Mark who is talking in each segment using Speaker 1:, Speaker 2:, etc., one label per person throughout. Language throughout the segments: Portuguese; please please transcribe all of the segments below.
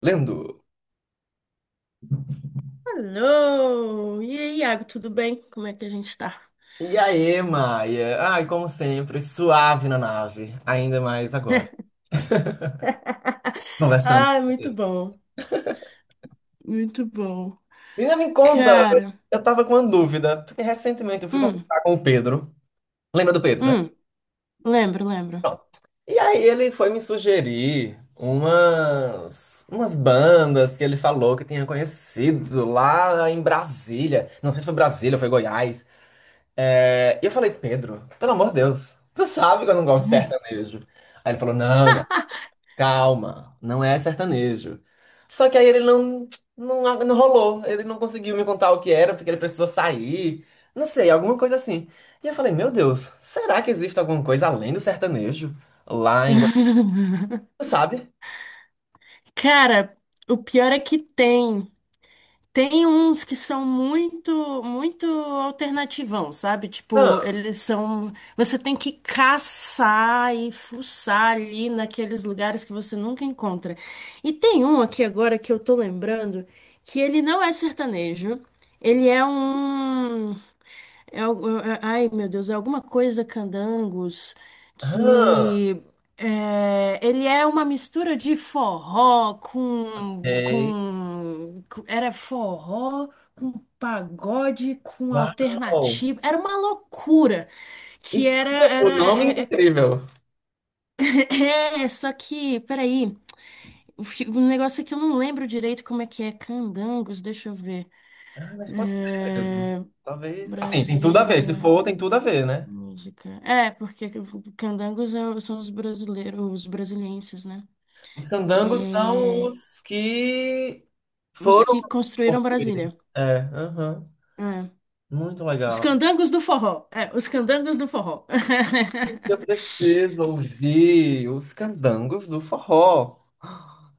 Speaker 1: Lendo.
Speaker 2: Alô! E aí, Iago, tudo bem? Como é que a gente tá?
Speaker 1: E aí, Maia? Ai, como sempre, suave na nave, ainda mais agora. Conversando com
Speaker 2: Ah, muito
Speaker 1: você.
Speaker 2: bom, muito bom.
Speaker 1: Menina, me conta,
Speaker 2: Cara,
Speaker 1: eu tava com uma dúvida, porque recentemente eu fui
Speaker 2: hum,
Speaker 1: conversar com o Pedro. Lembra do Pedro, né?
Speaker 2: hum, lembro, lembro.
Speaker 1: Pronto. E aí ele foi me sugerir umas bandas que ele falou que tinha conhecido lá em Brasília. Não sei se foi Brasília ou foi Goiás. E eu falei, Pedro, pelo amor de Deus, tu sabe que eu não gosto de sertanejo. Aí ele falou, não, calma, não é sertanejo. Só que aí ele não, não rolou. Ele não conseguiu me contar o que era, porque ele precisou sair. Não sei, alguma coisa assim. E eu falei, meu Deus, será que existe alguma coisa além do sertanejo? Lá em Goiânia, sabe?
Speaker 2: Cara, o pior é que tem. Tem uns que são muito, muito alternativão, sabe? Tipo,
Speaker 1: Ah,
Speaker 2: eles são. Você tem que caçar e fuçar ali naqueles lugares que você nunca encontra. E tem um aqui agora que eu tô lembrando que ele não é sertanejo, ele é um. É, ai, meu Deus, é alguma coisa Candangos
Speaker 1: ah,
Speaker 2: que é, ele é uma mistura de forró
Speaker 1: ok.
Speaker 2: com- era forró com pagode com
Speaker 1: Uau!
Speaker 2: alternativo. Era uma loucura que
Speaker 1: Isso
Speaker 2: era
Speaker 1: o
Speaker 2: era
Speaker 1: nome é
Speaker 2: é, é-
Speaker 1: incrível.
Speaker 2: Só que, peraí, o negócio é que eu não lembro direito como é que é Candangos, deixa eu ver.
Speaker 1: Ah, mas pode ser mesmo.
Speaker 2: É,
Speaker 1: Talvez. Assim, tem tudo a ver. Se
Speaker 2: Brasília.
Speaker 1: for, tem tudo a ver, né?
Speaker 2: Música. É, porque candangos são os brasileiros, os brasilienses, né?
Speaker 1: Os candangos são
Speaker 2: É,
Speaker 1: os que
Speaker 2: os
Speaker 1: foram
Speaker 2: que construíram
Speaker 1: construir.
Speaker 2: Brasília.
Speaker 1: É, aham.
Speaker 2: É.
Speaker 1: Muito
Speaker 2: Os
Speaker 1: legal.
Speaker 2: candangos do forró. É, os candangos do forró.
Speaker 1: Eu preciso ouvir os candangos do forró.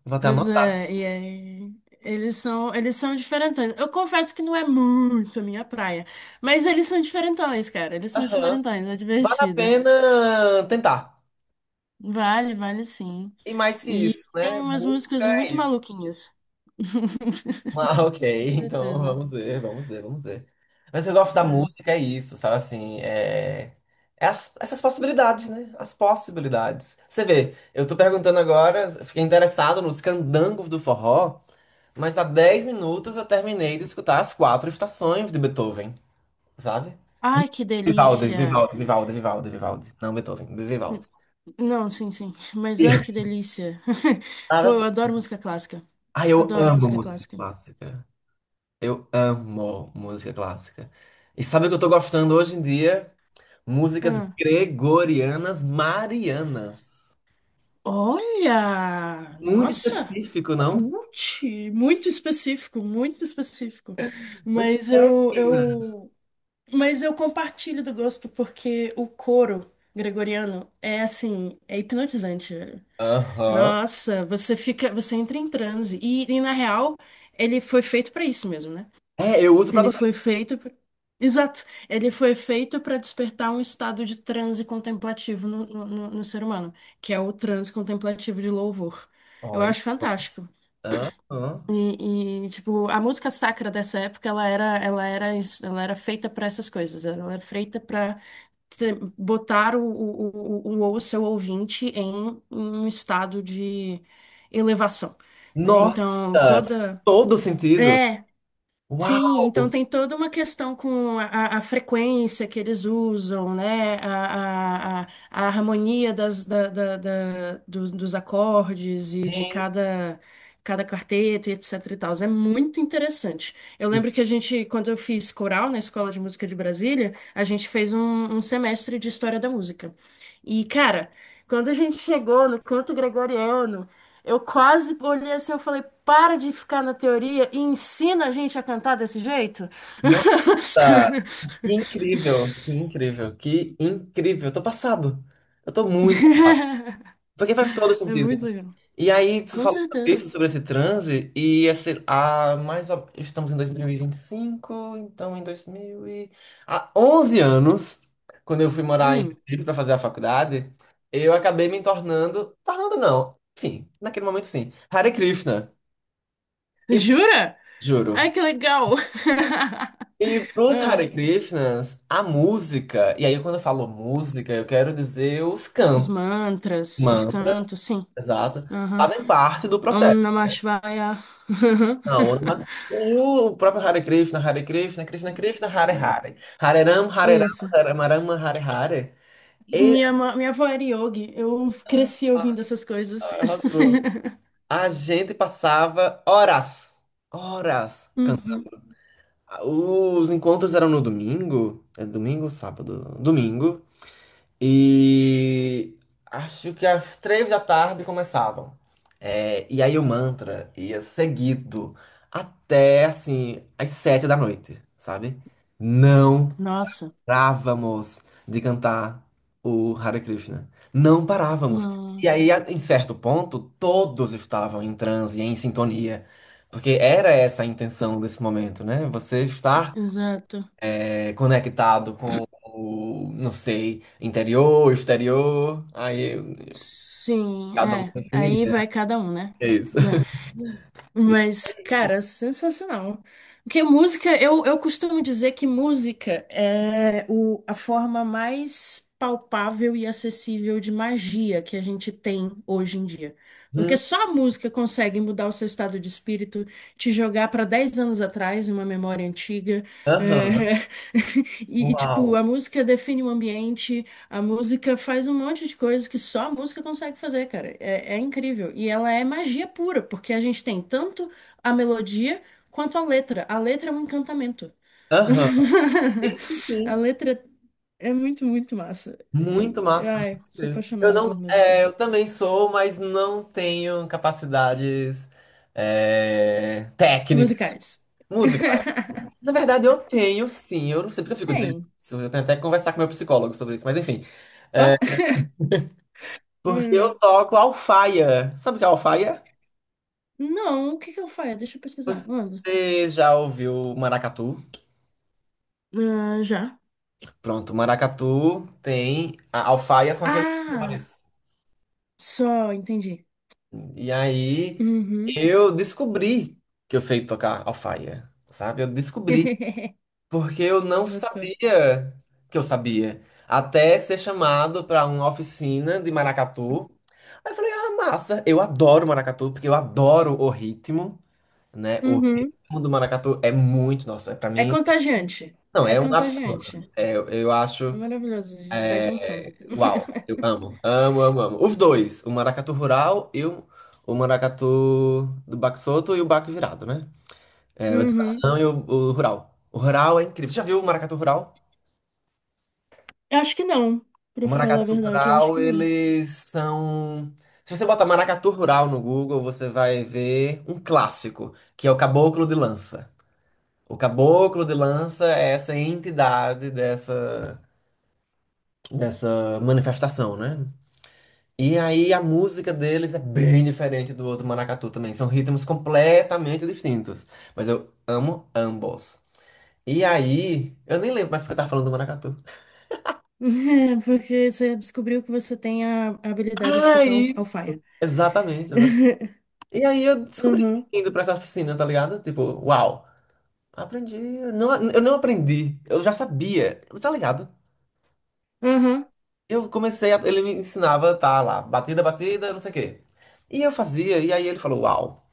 Speaker 1: Vou até
Speaker 2: Pois
Speaker 1: anotar.
Speaker 2: é, e aí, eles são diferentões. Eu confesso que não é muito a minha praia, mas eles são diferentões, cara. Eles são
Speaker 1: Aham.
Speaker 2: diferentões, é
Speaker 1: Vale a
Speaker 2: divertido.
Speaker 1: pena tentar.
Speaker 2: Vale, vale sim.
Speaker 1: E mais que
Speaker 2: E
Speaker 1: isso,
Speaker 2: tem
Speaker 1: né?
Speaker 2: umas
Speaker 1: Música
Speaker 2: músicas
Speaker 1: é
Speaker 2: muito
Speaker 1: isso.
Speaker 2: maluquinhas.
Speaker 1: Ah, ok.
Speaker 2: Com
Speaker 1: Então
Speaker 2: certeza.
Speaker 1: vamos ver, vamos ver, vamos ver. Mas eu gosto da
Speaker 2: É.
Speaker 1: música, é isso, sabe assim? Essas possibilidades, né? As possibilidades. Você vê, eu tô perguntando agora, fiquei interessado nos candangos do forró. Mas há 10 minutos eu terminei de escutar as quatro estações de Beethoven, sabe?
Speaker 2: Ai, que
Speaker 1: Vivaldi,
Speaker 2: delícia!
Speaker 1: Vivaldi, Vivaldi, Vivaldi, Vivaldi. Não, Beethoven,
Speaker 2: N-
Speaker 1: Vivaldi.
Speaker 2: Não, sim, sim. Mas ai, que delícia!
Speaker 1: Nada
Speaker 2: Pô,
Speaker 1: assim.
Speaker 2: eu adoro música clássica.
Speaker 1: Ah, eu
Speaker 2: Adoro
Speaker 1: amo
Speaker 2: música
Speaker 1: música
Speaker 2: clássica.
Speaker 1: clássica. Eu amo música clássica. E sabe o que eu tô gostando hoje em dia? Músicas
Speaker 2: Ah.
Speaker 1: gregorianas marianas.
Speaker 2: Olha!
Speaker 1: Muito
Speaker 2: Nossa!
Speaker 1: específico, não?
Speaker 2: Cult! Muito específico, muito específico.
Speaker 1: Pois
Speaker 2: Mas
Speaker 1: é,
Speaker 2: eu,
Speaker 1: menina.
Speaker 2: eu, mas eu compartilho do gosto porque o coro gregoriano é assim, é hipnotizante.
Speaker 1: Aham.
Speaker 2: Nossa, você fica, você entra em transe. E na real, ele foi feito pra isso mesmo, né?
Speaker 1: É, eu uso pra
Speaker 2: Ele
Speaker 1: dormir.
Speaker 2: foi feito. Exato. Ele foi feito para despertar um estado de transe contemplativo no ser humano, que é o transe contemplativo de louvor. Eu
Speaker 1: Olha.
Speaker 2: acho fantástico.
Speaker 1: Aham.
Speaker 2: E, tipo, a música sacra dessa época, ela era feita para essas coisas. Ela era feita para botar o seu ouvinte em um estado de elevação, né?
Speaker 1: Nossa,
Speaker 2: Então, toda.
Speaker 1: todo sentido.
Speaker 2: É, Sim, então
Speaker 1: Uau!
Speaker 2: tem toda uma questão com a frequência que eles usam, né? A harmonia das, da, da- da- dos, dos acordes e de
Speaker 1: Gente,
Speaker 2: cada quarteto, e etc e tal. É muito interessante. Eu lembro que a gente, quando eu fiz coral na Escola de Música de Brasília, a gente fez um semestre de História da Música. E, cara, quando a gente chegou no canto gregoriano, eu quase olhei assim, eu falei, para de ficar na teoria e ensina a gente a cantar desse jeito.
Speaker 1: nossa! Que incrível! Que incrível! Que incrível! Eu tô passado! Eu tô muito. Porque faz todo
Speaker 2: É
Speaker 1: sentido.
Speaker 2: muito legal.
Speaker 1: E aí, tu
Speaker 2: Com
Speaker 1: falou sobre
Speaker 2: certeza.
Speaker 1: isso, sobre esse transe, e esse, estamos em 2025, então em 2000 e... Há 11 anos, quando eu fui morar em
Speaker 2: Hum.
Speaker 1: Recife para fazer a faculdade, eu acabei me tornando... Tornando não, enfim, naquele momento sim, Hare Krishna. E
Speaker 2: Jura?
Speaker 1: juro.
Speaker 2: Ai, que legal.
Speaker 1: E pros
Speaker 2: Ah,
Speaker 1: Hare Krishnas, a música, e aí quando eu falo música, eu quero dizer os
Speaker 2: os
Speaker 1: cantos,
Speaker 2: mantras, os
Speaker 1: mantras,
Speaker 2: cantos, sim.
Speaker 1: exato,
Speaker 2: Aham.
Speaker 1: fazem parte do processo.
Speaker 2: Om Namah Shivaya. Aham.
Speaker 1: Não, e o próprio Hare Krishna, Hare Krishna, Krishna Krishna, Hare Hare, Hare Ram, Hare Ram,
Speaker 2: Isso.
Speaker 1: Hare Rama, Hare Hare. E
Speaker 2: Minha avó era yogi. Eu cresci ouvindo essas coisas.
Speaker 1: a gente passava horas, horas cantando.
Speaker 2: Uhum.
Speaker 1: Os encontros eram no domingo, é domingo, sábado, domingo. E acho que às 3 da tarde começavam. É, e aí o mantra ia seguido até assim às 7 da noite, sabe? Não
Speaker 2: Nossa.
Speaker 1: parávamos de cantar o Hare Krishna. Não parávamos. E
Speaker 2: Nossa,
Speaker 1: aí, em certo ponto, todos estavam em transe, em sintonia. Porque era essa a intenção desse momento, né? Você estar
Speaker 2: exato.
Speaker 1: conectado com o, não sei, interior, exterior. Aí
Speaker 2: Sim,
Speaker 1: cada um
Speaker 2: é. Aí
Speaker 1: definiria.
Speaker 2: vai cada um, né?
Speaker 1: É isso.
Speaker 2: Né? Mas, cara, sensacional. Porque música, eu costumo dizer que música é o, a forma mais palpável e acessível de magia que a gente tem hoje em dia. Porque
Speaker 1: Hum,
Speaker 2: só a música consegue mudar o seu estado de espírito, te jogar para 10 anos atrás, uma memória antiga.
Speaker 1: aham,
Speaker 2: É, E, tipo,
Speaker 1: uau.
Speaker 2: a música define o ambiente. A música faz um monte de coisas que só a música consegue fazer, cara. É incrível. E ela é magia pura, porque a gente tem tanto a melodia quanto a letra. A letra é um encantamento.
Speaker 1: Aham. Isso
Speaker 2: A
Speaker 1: sim.
Speaker 2: letra é muito, muito massa.
Speaker 1: Muito massa. Muito
Speaker 2: Ai, sou
Speaker 1: incrível. Eu
Speaker 2: apaixonada
Speaker 1: não,
Speaker 2: por música.
Speaker 1: é, eu também sou, mas não tenho capacidades técnicas.
Speaker 2: Musicais.
Speaker 1: Música. Na verdade, eu tenho sim. Eu não sei porque eu fico dizendo
Speaker 2: Tem.
Speaker 1: isso. Eu tenho até que conversar com meu psicólogo sobre isso, mas enfim.
Speaker 2: Ó.
Speaker 1: É, porque eu
Speaker 2: Hum.
Speaker 1: toco alfaia. Sabe o que é alfaia?
Speaker 2: Não, o que que eu faço? Deixa eu pesquisar. Manda.
Speaker 1: Você já ouviu maracatu?
Speaker 2: Ah, já.
Speaker 1: Pronto, maracatu tem a alfaia são aqueles
Speaker 2: Ah,
Speaker 1: tambores.
Speaker 2: só, entendi.
Speaker 1: E aí
Speaker 2: Uhum.
Speaker 1: eu descobri que eu sei tocar alfaia, sabe? Eu descobri porque eu não
Speaker 2: Boto fé.
Speaker 1: sabia que eu sabia até ser chamado para uma oficina de maracatu. Aí eu falei, ah, massa, eu adoro maracatu porque eu adoro o ritmo, né? O
Speaker 2: Uhum.
Speaker 1: ritmo do maracatu é muito, nossa, para
Speaker 2: É
Speaker 1: mim,
Speaker 2: contagiante.
Speaker 1: não,
Speaker 2: É
Speaker 1: é um absurdo.
Speaker 2: contagiante.
Speaker 1: É, eu
Speaker 2: É
Speaker 1: acho
Speaker 2: maravilhoso, a gente sai
Speaker 1: é,
Speaker 2: dançando.
Speaker 1: uau, eu amo, amo, amo, amo. Os dois, o maracatu rural e o maracatu do baque solto e o baque virado, né? É, o de
Speaker 2: Uhum.
Speaker 1: tração e o rural. O rural é incrível. Já viu o maracatu rural?
Speaker 2: Eu acho que não,
Speaker 1: O
Speaker 2: pra falar a
Speaker 1: maracatu
Speaker 2: verdade, eu acho
Speaker 1: rural,
Speaker 2: que não.
Speaker 1: eles são... Se você botar maracatu rural no Google, você vai ver um clássico, que é o caboclo de lança. O caboclo de lança é essa entidade dessa, manifestação, né? E aí a música deles é bem diferente do outro maracatu também. São ritmos completamente distintos. Mas eu amo ambos. E aí, eu nem lembro mais porque eu tava falando do maracatu.
Speaker 2: É, porque você descobriu que você tem a habilidade de
Speaker 1: Ah,
Speaker 2: tocar
Speaker 1: isso!
Speaker 2: alfaia.
Speaker 1: Exatamente, exatamente. E aí eu descobri
Speaker 2: Uhum.
Speaker 1: indo pra essa oficina, tá ligado? Tipo, uau! Aprendi. Eu não aprendi. Eu já sabia. Tá ligado?
Speaker 2: Uhum.
Speaker 1: Eu comecei a, ele me ensinava, tá lá, batida, batida, não sei o quê. E eu fazia, e aí ele falou, uau,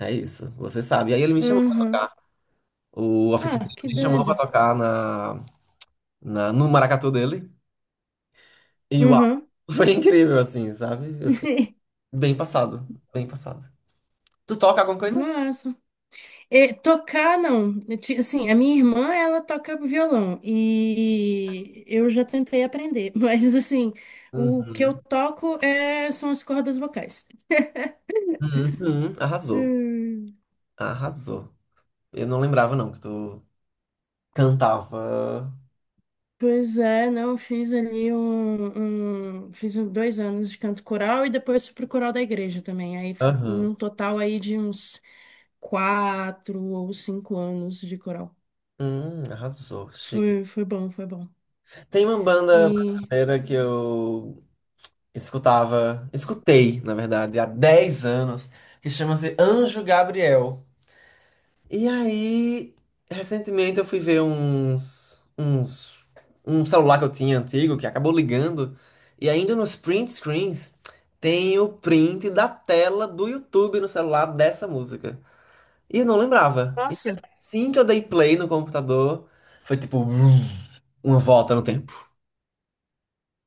Speaker 1: é isso, você sabe. E aí ele me chamou
Speaker 2: Uhum.
Speaker 1: o oficial
Speaker 2: Ah, que
Speaker 1: me chamou pra
Speaker 2: doido.
Speaker 1: tocar na, no maracatu dele. E uau,
Speaker 2: Uhum.
Speaker 1: foi incrível, assim, sabe? Eu fiquei bem passado, bem passado. Tu toca alguma coisa?
Speaker 2: Massa. É, tocar, não. Assim, a minha irmã, ela toca violão e eu já tentei aprender, mas assim, o que eu
Speaker 1: Uhum,
Speaker 2: toco é, são as cordas vocais.
Speaker 1: uhum, arrasou,
Speaker 2: Hum,
Speaker 1: arrasou. Eu não lembrava, não, que tu cantava.
Speaker 2: Pois é, não, fiz ali 2 anos de canto coral e depois fui pro coral da igreja também. Aí,
Speaker 1: Aham.
Speaker 2: num total aí de uns 4 ou 5 anos de coral.
Speaker 1: Arrasou, chique.
Speaker 2: Foi, foi bom, foi bom.
Speaker 1: Tem uma banda
Speaker 2: E,
Speaker 1: brasileira que eu escutava, escutei, na verdade, há 10 anos, que chama-se Anjo Gabriel. E aí, recentemente eu fui ver uns, um celular que eu tinha antigo que acabou ligando. E ainda nos print screens tem o print da tela do YouTube no celular dessa música. E eu não lembrava. E
Speaker 2: nossa.
Speaker 1: assim que eu dei play no computador, foi tipo brum, uma volta no tempo.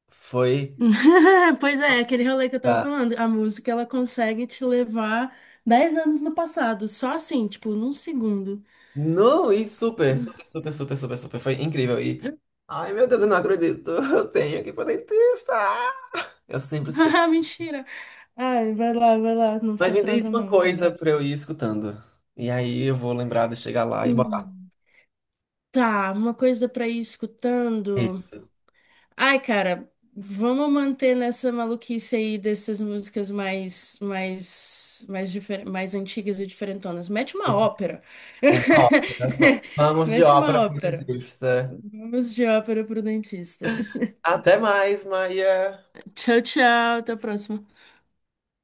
Speaker 1: Foi.
Speaker 2: Pois é, aquele rolê que eu tava
Speaker 1: pra-
Speaker 2: falando, a música ela consegue te levar 10 anos no passado, só assim, tipo, num segundo.
Speaker 1: Não, e super, super, super, super, super, super. Foi incrível. E. Ai, meu Deus, eu não acredito. Eu tenho que poder testar. Eu sempre esqueço.
Speaker 2: Ah, mentira. Ai, vai lá, não
Speaker 1: Mas
Speaker 2: se
Speaker 1: me diz
Speaker 2: atrasa
Speaker 1: uma
Speaker 2: não,
Speaker 1: coisa
Speaker 2: cara.
Speaker 1: pra eu ir escutando. E aí eu vou lembrar de chegar lá e botar.
Speaker 2: Hum. Tá, uma coisa pra ir escutando.
Speaker 1: Isso.
Speaker 2: Ai, cara, vamos manter nessa maluquice aí dessas músicas mais antigas e diferentonas. Mete uma
Speaker 1: Uma
Speaker 2: ópera.
Speaker 1: ópera. Pronto. Vamos de
Speaker 2: Mete
Speaker 1: ópera
Speaker 2: uma ópera.
Speaker 1: francesa.
Speaker 2: Vamos já para o dentista.
Speaker 1: Até mais, Maia.
Speaker 2: Tchau, tchau. Até a próxima.